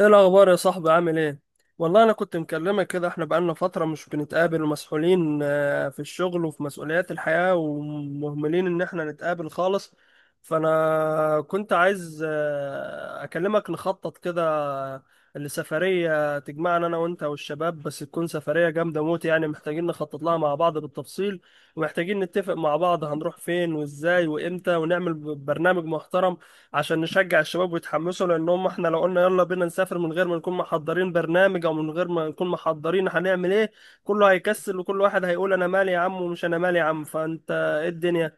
ايه الاخبار يا صاحبي؟ عامل ايه؟ والله انا كنت مكلمك كده، احنا بقالنا فتره مش بنتقابل ومسحولين في الشغل وفي مسؤوليات الحياه، ومهملين ان احنا نتقابل خالص. فانا كنت عايز اكلمك نخطط كده لسفريه تجمعنا انا وانت والشباب، بس تكون سفريه جامده موت. يعني محتاجين نخطط لها مع بعض بالتفصيل، ومحتاجين نتفق مع بعض هنروح فين وازاي وامتى، ونعمل برنامج محترم عشان نشجع الشباب ويتحمسوا. لان هم احنا لو قلنا يلا بينا نسافر من غير ما نكون محضرين برنامج، او من غير ما نكون محضرين هنعمل ايه، كله هيكسل وكل واحد هيقول انا مالي يا عم ومش انا مالي يا عم. فانت ايه الدنيا؟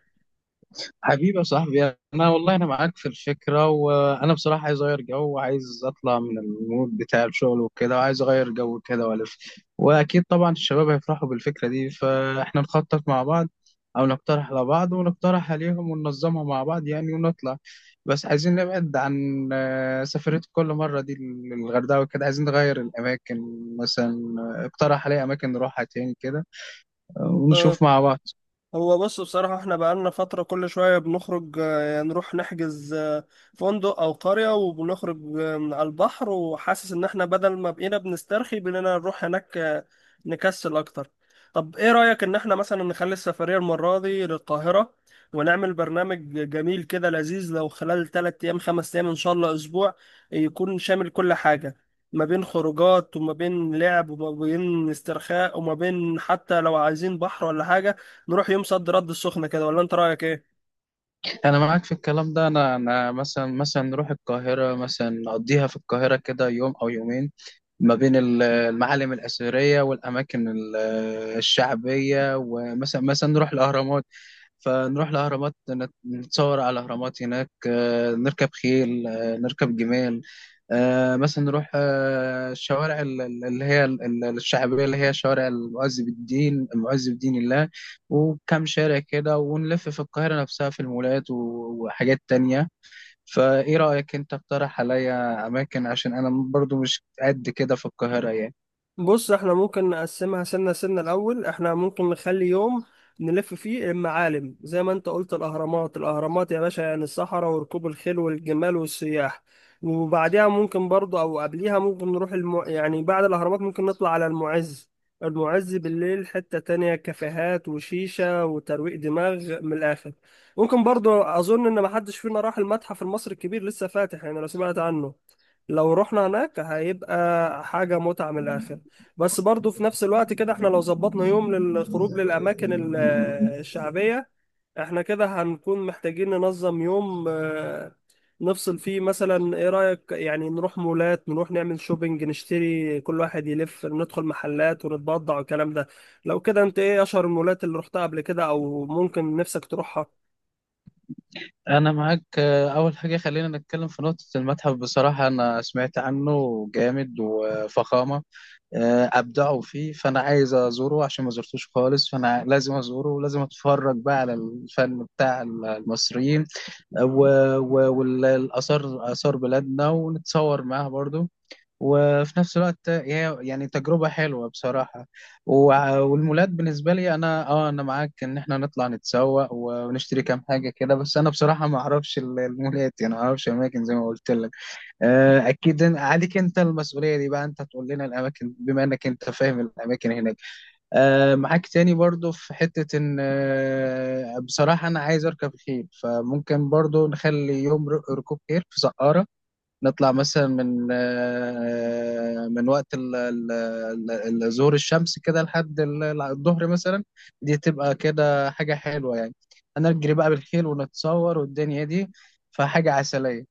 حبيبي يا صاحبي، انا والله انا معاك في الفكره، وانا بصراحه عايز اغير جو وعايز اطلع من المود بتاع الشغل وكده، وعايز اغير جو كده والف. واكيد طبعا الشباب هيفرحوا بالفكره دي، فاحنا نخطط مع بعض او نقترح على بعض ونقترح عليهم وننظمها مع بعض يعني ونطلع. بس عايزين نبعد عن سفرية كل مره دي للغردقه وكده، عايزين نغير الاماكن مثلا. اقترح عليا اماكن نروحها تاني كده، اه، ونشوف مع بعض. هو بص، بصراحة احنا بقالنا فترة كل شوية بنخرج، يعني نروح نحجز فندق أو قرية، وبنخرج من على البحر، وحاسس إن احنا بدل ما بقينا بنسترخي بقينا نروح هناك نكسل أكتر. طب ايه رأيك إن احنا مثلا نخلي السفرية المرة دي للقاهرة، ونعمل برنامج جميل كده لذيذ، لو خلال تلات أيام، خمس أيام، إن شاء الله أسبوع، يكون شامل كل حاجة، ما بين خروجات وما بين لعب وما بين استرخاء، وما بين حتى لو عايزين بحر ولا حاجة نروح يوم صد رد السخنة كده. ولا انت رأيك ايه؟ انا معاك في الكلام ده. انا مثلا نروح القاهره، مثلا نقضيها في القاهره كده يوم او يومين ما بين المعالم الأثرية والأماكن الشعبية، ومثلا نروح الأهرامات. فنروح الأهرامات، نتصور على الأهرامات هناك، نركب خيل، نركب جمال. مثلا نروح الشوارع اللي هي الشعبية، اللي هي شوارع المعز بالدين، المعز بدين الله وكم شارع كده، ونلف في القاهرة نفسها في المولات وحاجات تانية. فايه رأيك انت؟ اقترح عليا اماكن، عشان انا برضو مش قد كده في القاهرة يعني. بص، احنا ممكن نقسمها سنة سنة. الأول احنا ممكن نخلي يوم نلف فيه المعالم زي ما انت قلت، الأهرامات. الأهرامات يا باشا يعني الصحراء وركوب الخيل والجمال والسياح. وبعديها ممكن برضه، أو قبليها، ممكن نروح يعني بعد الأهرامات ممكن نطلع على المعز. المعز بالليل حتة تانية، كافيهات وشيشة وترويق دماغ من الآخر. ممكن برضه، أظن إن محدش فينا راح المتحف المصري الكبير، لسه فاتح، يعني لو سمعت عنه، لو رحنا هناك هيبقى حاجة متعة من الآخر. بس برضو في نفس الوقت كده، احنا لو ظبطنا يوم للخروج للأماكن الشعبية، احنا كده هنكون محتاجين ننظم يوم نفصل فيه. مثلا ايه رأيك يعني نروح مولات، نروح نعمل شوبينج، نشتري، كل واحد يلف، ندخل محلات ونتبضع والكلام ده. لو كده، انت ايه اشهر المولات اللي رحتها قبل كده، او ممكن نفسك تروحها؟ انا معاك. اول حاجة خلينا نتكلم في نقطة المتحف. بصراحة انا سمعت عنه جامد وفخامة، ابدعوا فيه، فانا عايز ازوره عشان ما زرتوش خالص، فانا لازم ازوره ولازم اتفرج بقى على الفن بتاع المصريين والاثار، اثار بلادنا، ونتصور معاها برضو. وفي نفس الوقت هي يعني تجربة حلوة بصراحة. والمولات بالنسبة لي أنا أه أنا معاك إن إحنا نطلع نتسوق ونشتري كام حاجة كده. بس أنا بصراحة ما أعرفش المولات، يعني ما أعرفش أماكن زي ما قلت لك. أكيد عليك أنت المسؤولية دي بقى، أنت تقول لنا الأماكن بما إنك أنت فاهم الأماكن هناك. معاك تاني برضو في حتة إن بصراحة أنا عايز أركب خيل، فممكن برضو نخلي يوم ركوب خيل في سقارة. نطلع مثلا من من وقت ال- ظهور الشمس كده لحد الظهر مثلا. دي تبقى كده حاجة حلوة يعني، هنجري بقى بالخيل ونتصور والدنيا دي، فحاجة عسلية.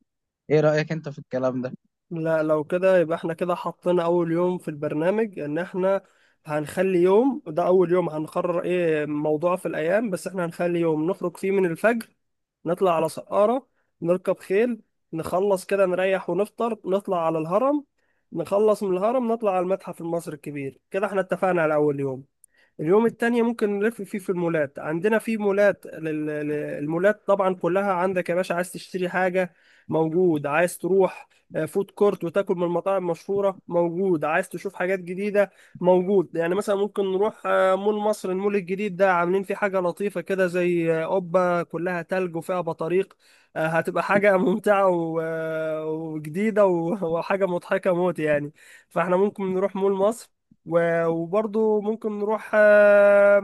ايه رأيك انت في الكلام ده؟ لا، لو كده يبقى احنا كده حطينا اول يوم في البرنامج ان احنا هنخلي يوم، ده اول يوم، هنقرر ايه موضوع في الايام. بس احنا هنخلي يوم نخرج فيه من الفجر، نطلع على سقارة، نركب خيل، نخلص كده نريح ونفطر، نطلع على الهرم، نخلص من الهرم نطلع على المتحف المصري الكبير. كده احنا اتفقنا على اول يوم. اليوم التاني ممكن نلف فيه في المولات. عندنا في مولات، المولات طبعا كلها عندك يا باشا. عايز تشتري حاجة، موجود. عايز تروح فود كورت وتاكل من المطاعم المشهورة، موجود. عايز تشوف حاجات جديدة، موجود. يعني مثلا ممكن نروح مول مصر. المول الجديد ده عاملين فيه حاجة لطيفة كده، زي قبة كلها تلج وفيها بطاريق. هتبقى حاجة ممتعة وجديدة وحاجة مضحكة موت يعني. فاحنا ممكن نروح مول مصر، وبرضو ممكن نروح آه،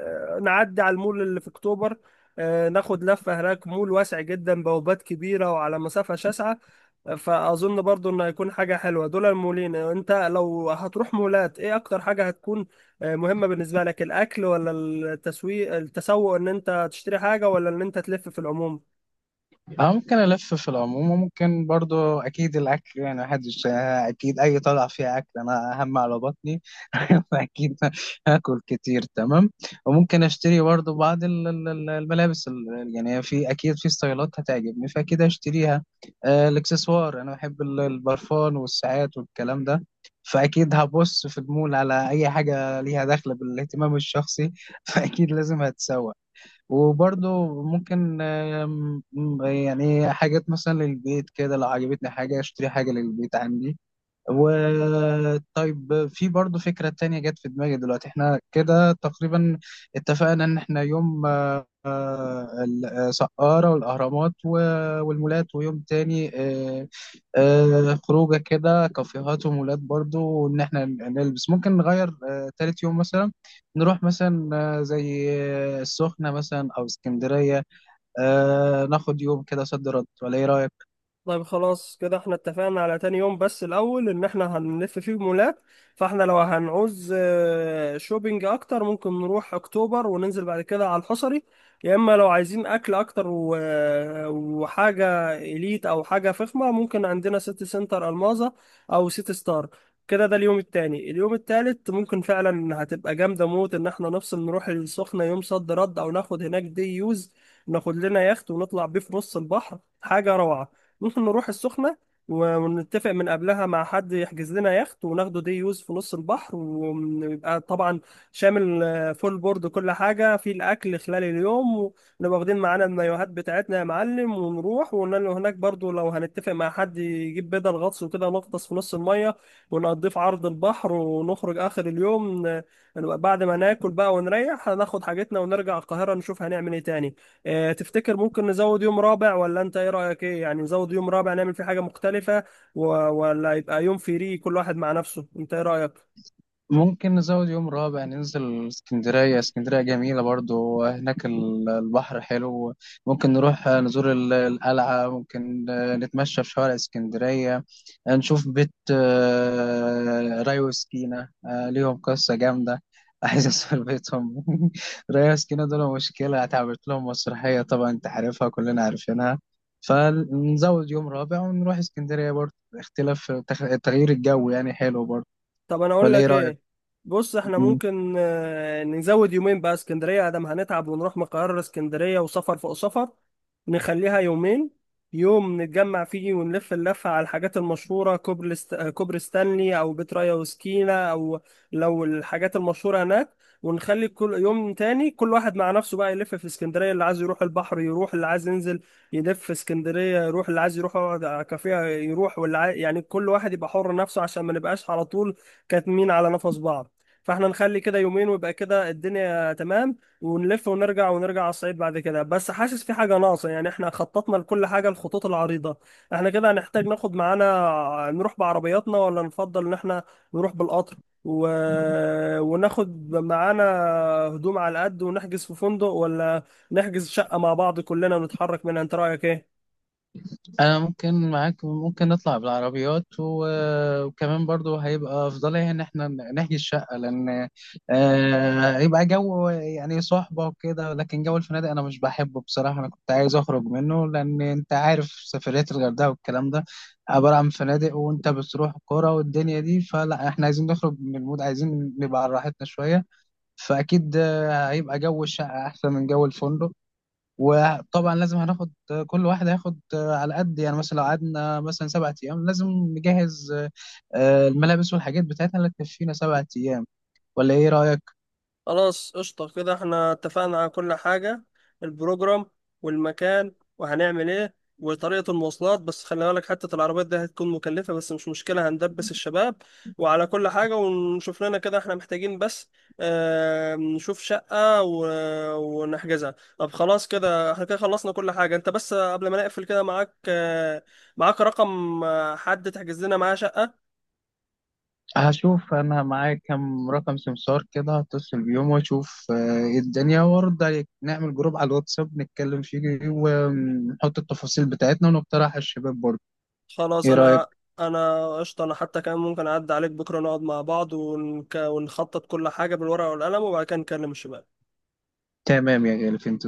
آه، نعدي على المول اللي في اكتوبر. ناخد لفة هناك، مول واسع جدا، بوابات كبيرة وعلى مسافة شاسعة. فأظن برضو إنه هيكون حاجة حلوة دول المولين. أنت لو هتروح مولات، إيه أكتر حاجة هتكون مهمة بالنسبة لك؟ الأكل، ولا التسويق، التسوق، إن أنت تشتري حاجة، ولا إن أنت تلف في العموم؟ أنا ممكن ألف في العموم، وممكن برضو أكيد الأكل، يعني محدش. أكيد أي طلعة فيها أكل أنا أهم على بطني. أكيد هاكل كتير، تمام. وممكن أشتري برضو بعض الملابس، يعني في أكيد في ستايلات هتعجبني فأكيد أشتريها. الإكسسوار أنا بحب البرفان والساعات والكلام ده، فأكيد هبص في المول على أي حاجة ليها دخل بالاهتمام الشخصي. فأكيد لازم هتسوق. وبرضه ممكن، يعني حاجات مثلا للبيت كده، لو عجبتني حاجة اشتري حاجة للبيت عندي. وطيب في برضه فكرة تانية جت في دماغي دلوقتي. احنا كده تقريبا اتفقنا ان احنا يوم آه، السقارة والأهرامات والمولات، ويوم تاني خروجة كده كافيهات ومولات برضو وإن إحنا نلبس. ممكن نغير تالت يوم مثلا، نروح مثلا زي السخنة مثلا أو اسكندرية. ناخد يوم كده صد رد، ولا إيه رأيك؟ طيب، خلاص كده احنا اتفقنا على تاني يوم، بس الأول إن احنا هنلف فيه مولات. فاحنا لو هنعوز شوبينج أكتر، ممكن نروح أكتوبر وننزل بعد كده على الحصري. يا إما لو عايزين أكل أكتر وحاجة إليت أو حاجة فخمة، ممكن عندنا سيتي سنتر ألماظة، أو سيتي ستار. كده ده اليوم التاني. اليوم التالت ممكن فعلا هتبقى جامدة موت، إن احنا نفصل نروح السخنة يوم صد رد، أو ناخد هناك دي يوز، ناخد لنا يخت ونطلع بيه في نص البحر، حاجة روعة. ممكن نروح السخنة، ونتفق من قبلها مع حد يحجز لنا يخت وناخده دي يوز في نص البحر، ويبقى طبعا شامل فول بورد، كل حاجة في الأكل خلال اليوم. ونبقى واخدين معانا المايوهات بتاعتنا يا معلم، ونروح وننزل هناك، برضو لو هنتفق مع حد يجيب بدل غطس وكده، نغطس في نص المية، ونقضيه في عرض البحر، ونخرج آخر اليوم. نبقى بعد ما ناكل بقى ونريح، هناخد حاجتنا ونرجع القاهرة نشوف هنعمل ايه تاني. تفتكر ممكن نزود يوم رابع، ولا انت ايه رأيك؟ ايه يعني، نزود يوم رابع نعمل فيه حاجة مختلفة، ولا يبقى يوم فري كل واحد مع نفسه؟ انت ايه رأيك؟ ممكن نزود يوم رابع ننزل اسكندرية. اسكندرية جميلة برضو، هناك البحر حلو، ممكن نروح نزور القلعة، ممكن نتمشى في شوارع اسكندرية، نشوف بيت راي وسكينة. ليهم قصة جامدة. عايز أسافر بيتهم. راي وسكينة دول مشكلة، اتعملت لهم مسرحية، طبعا أنت عارفها كلنا عارفينها. فنزود يوم رابع ونروح اسكندرية برضو، اختلاف، تغيير الجو يعني حلو برضو. طب انا اقول ولا إيه لك رأيك؟ ايه. بص، احنا ممكن نزود يومين بقى اسكندرية. ادم هنتعب، ونروح من القاهرة لاسكندرية، وسفر فوق سفر. نخليها يومين، يوم نتجمع فيه ونلف اللفة على الحاجات المشهورة، كوبري ستانلي، أو بيت ريا وسكينة، أو لو الحاجات المشهورة هناك. ونخلي كل يوم تاني كل واحد مع نفسه بقى، يلف في اسكندرية، اللي عايز يروح البحر يروح، اللي عايز ينزل يلف في اسكندرية يروح، اللي عايز يروح يقعد على كافيه يروح، يعني كل واحد يبقى حر نفسه، عشان ما نبقاش على طول كاتمين على نفس بعض. فاحنا نخلي كده يومين، ويبقى كده الدنيا تمام. ونلف ونرجع، ونرجع على الصعيد بعد كده. بس حاسس في حاجة ناقصة. يعني احنا خططنا لكل حاجة الخطوط العريضة، احنا كده هنحتاج ناخد معانا، نروح بعربياتنا، ولا نفضل ان احنا نروح بالقطر، و... وناخد معانا هدوم على قد، ونحجز في فندق، ولا نحجز شقة مع بعض كلنا ونتحرك منها؟ انت رأيك ايه؟ انا ممكن معاك، ممكن نطلع بالعربيات، وكمان برضو هيبقى افضليه ان احنا نحجز شقه، لان هيبقى جو يعني صحبه وكده. لكن جو الفنادق انا مش بحبه بصراحه، انا كنت عايز اخرج منه، لان انت عارف سفريات الغردقه والكلام ده عباره عن فنادق، وانت بتروح كوره والدنيا دي، فلا احنا عايزين نخرج من المود، عايزين نبقى على راحتنا شويه. فاكيد هيبقى جو الشقه احسن من جو الفندق. وطبعا لازم هناخد، كل واحد هياخد على قد، يعني مثلا لو قعدنا مثلا 7 أيام لازم نجهز الملابس والحاجات بتاعتنا اللي تكفينا 7 أيام. ولا إيه رأيك؟ خلاص، قشطة كده احنا اتفقنا على كل حاجة، البروجرام والمكان وهنعمل ايه وطريقة المواصلات. بس خلي بالك حتة العربيات دي هتكون مكلفة، بس مش مشكلة، هندبس الشباب وعلى كل حاجة. ونشوف لنا، كده احنا محتاجين بس، اه، نشوف شقة ونحجزها. طب خلاص كده احنا كده خلصنا كل حاجة. انت بس قبل ما نقفل كده، معاك رقم حد تحجز لنا معاه شقة؟ هشوف أنا معايا كام رقم سمسار كده، هتصل بيهم وأشوف إيه الدنيا وأرد عليك. نعمل جروب على الواتساب نتكلم فيه ونحط التفاصيل بتاعتنا ونقترح على الشباب برضه. خلاص، إيه رأيك؟ انا قشطه. انا حتى كمان ممكن اعدي عليك بكره نقعد مع بعض، ونخطط كل حاجه بالورقه والقلم، وبعد كده نكلم الشباب. تمام يا غالي، فهمت.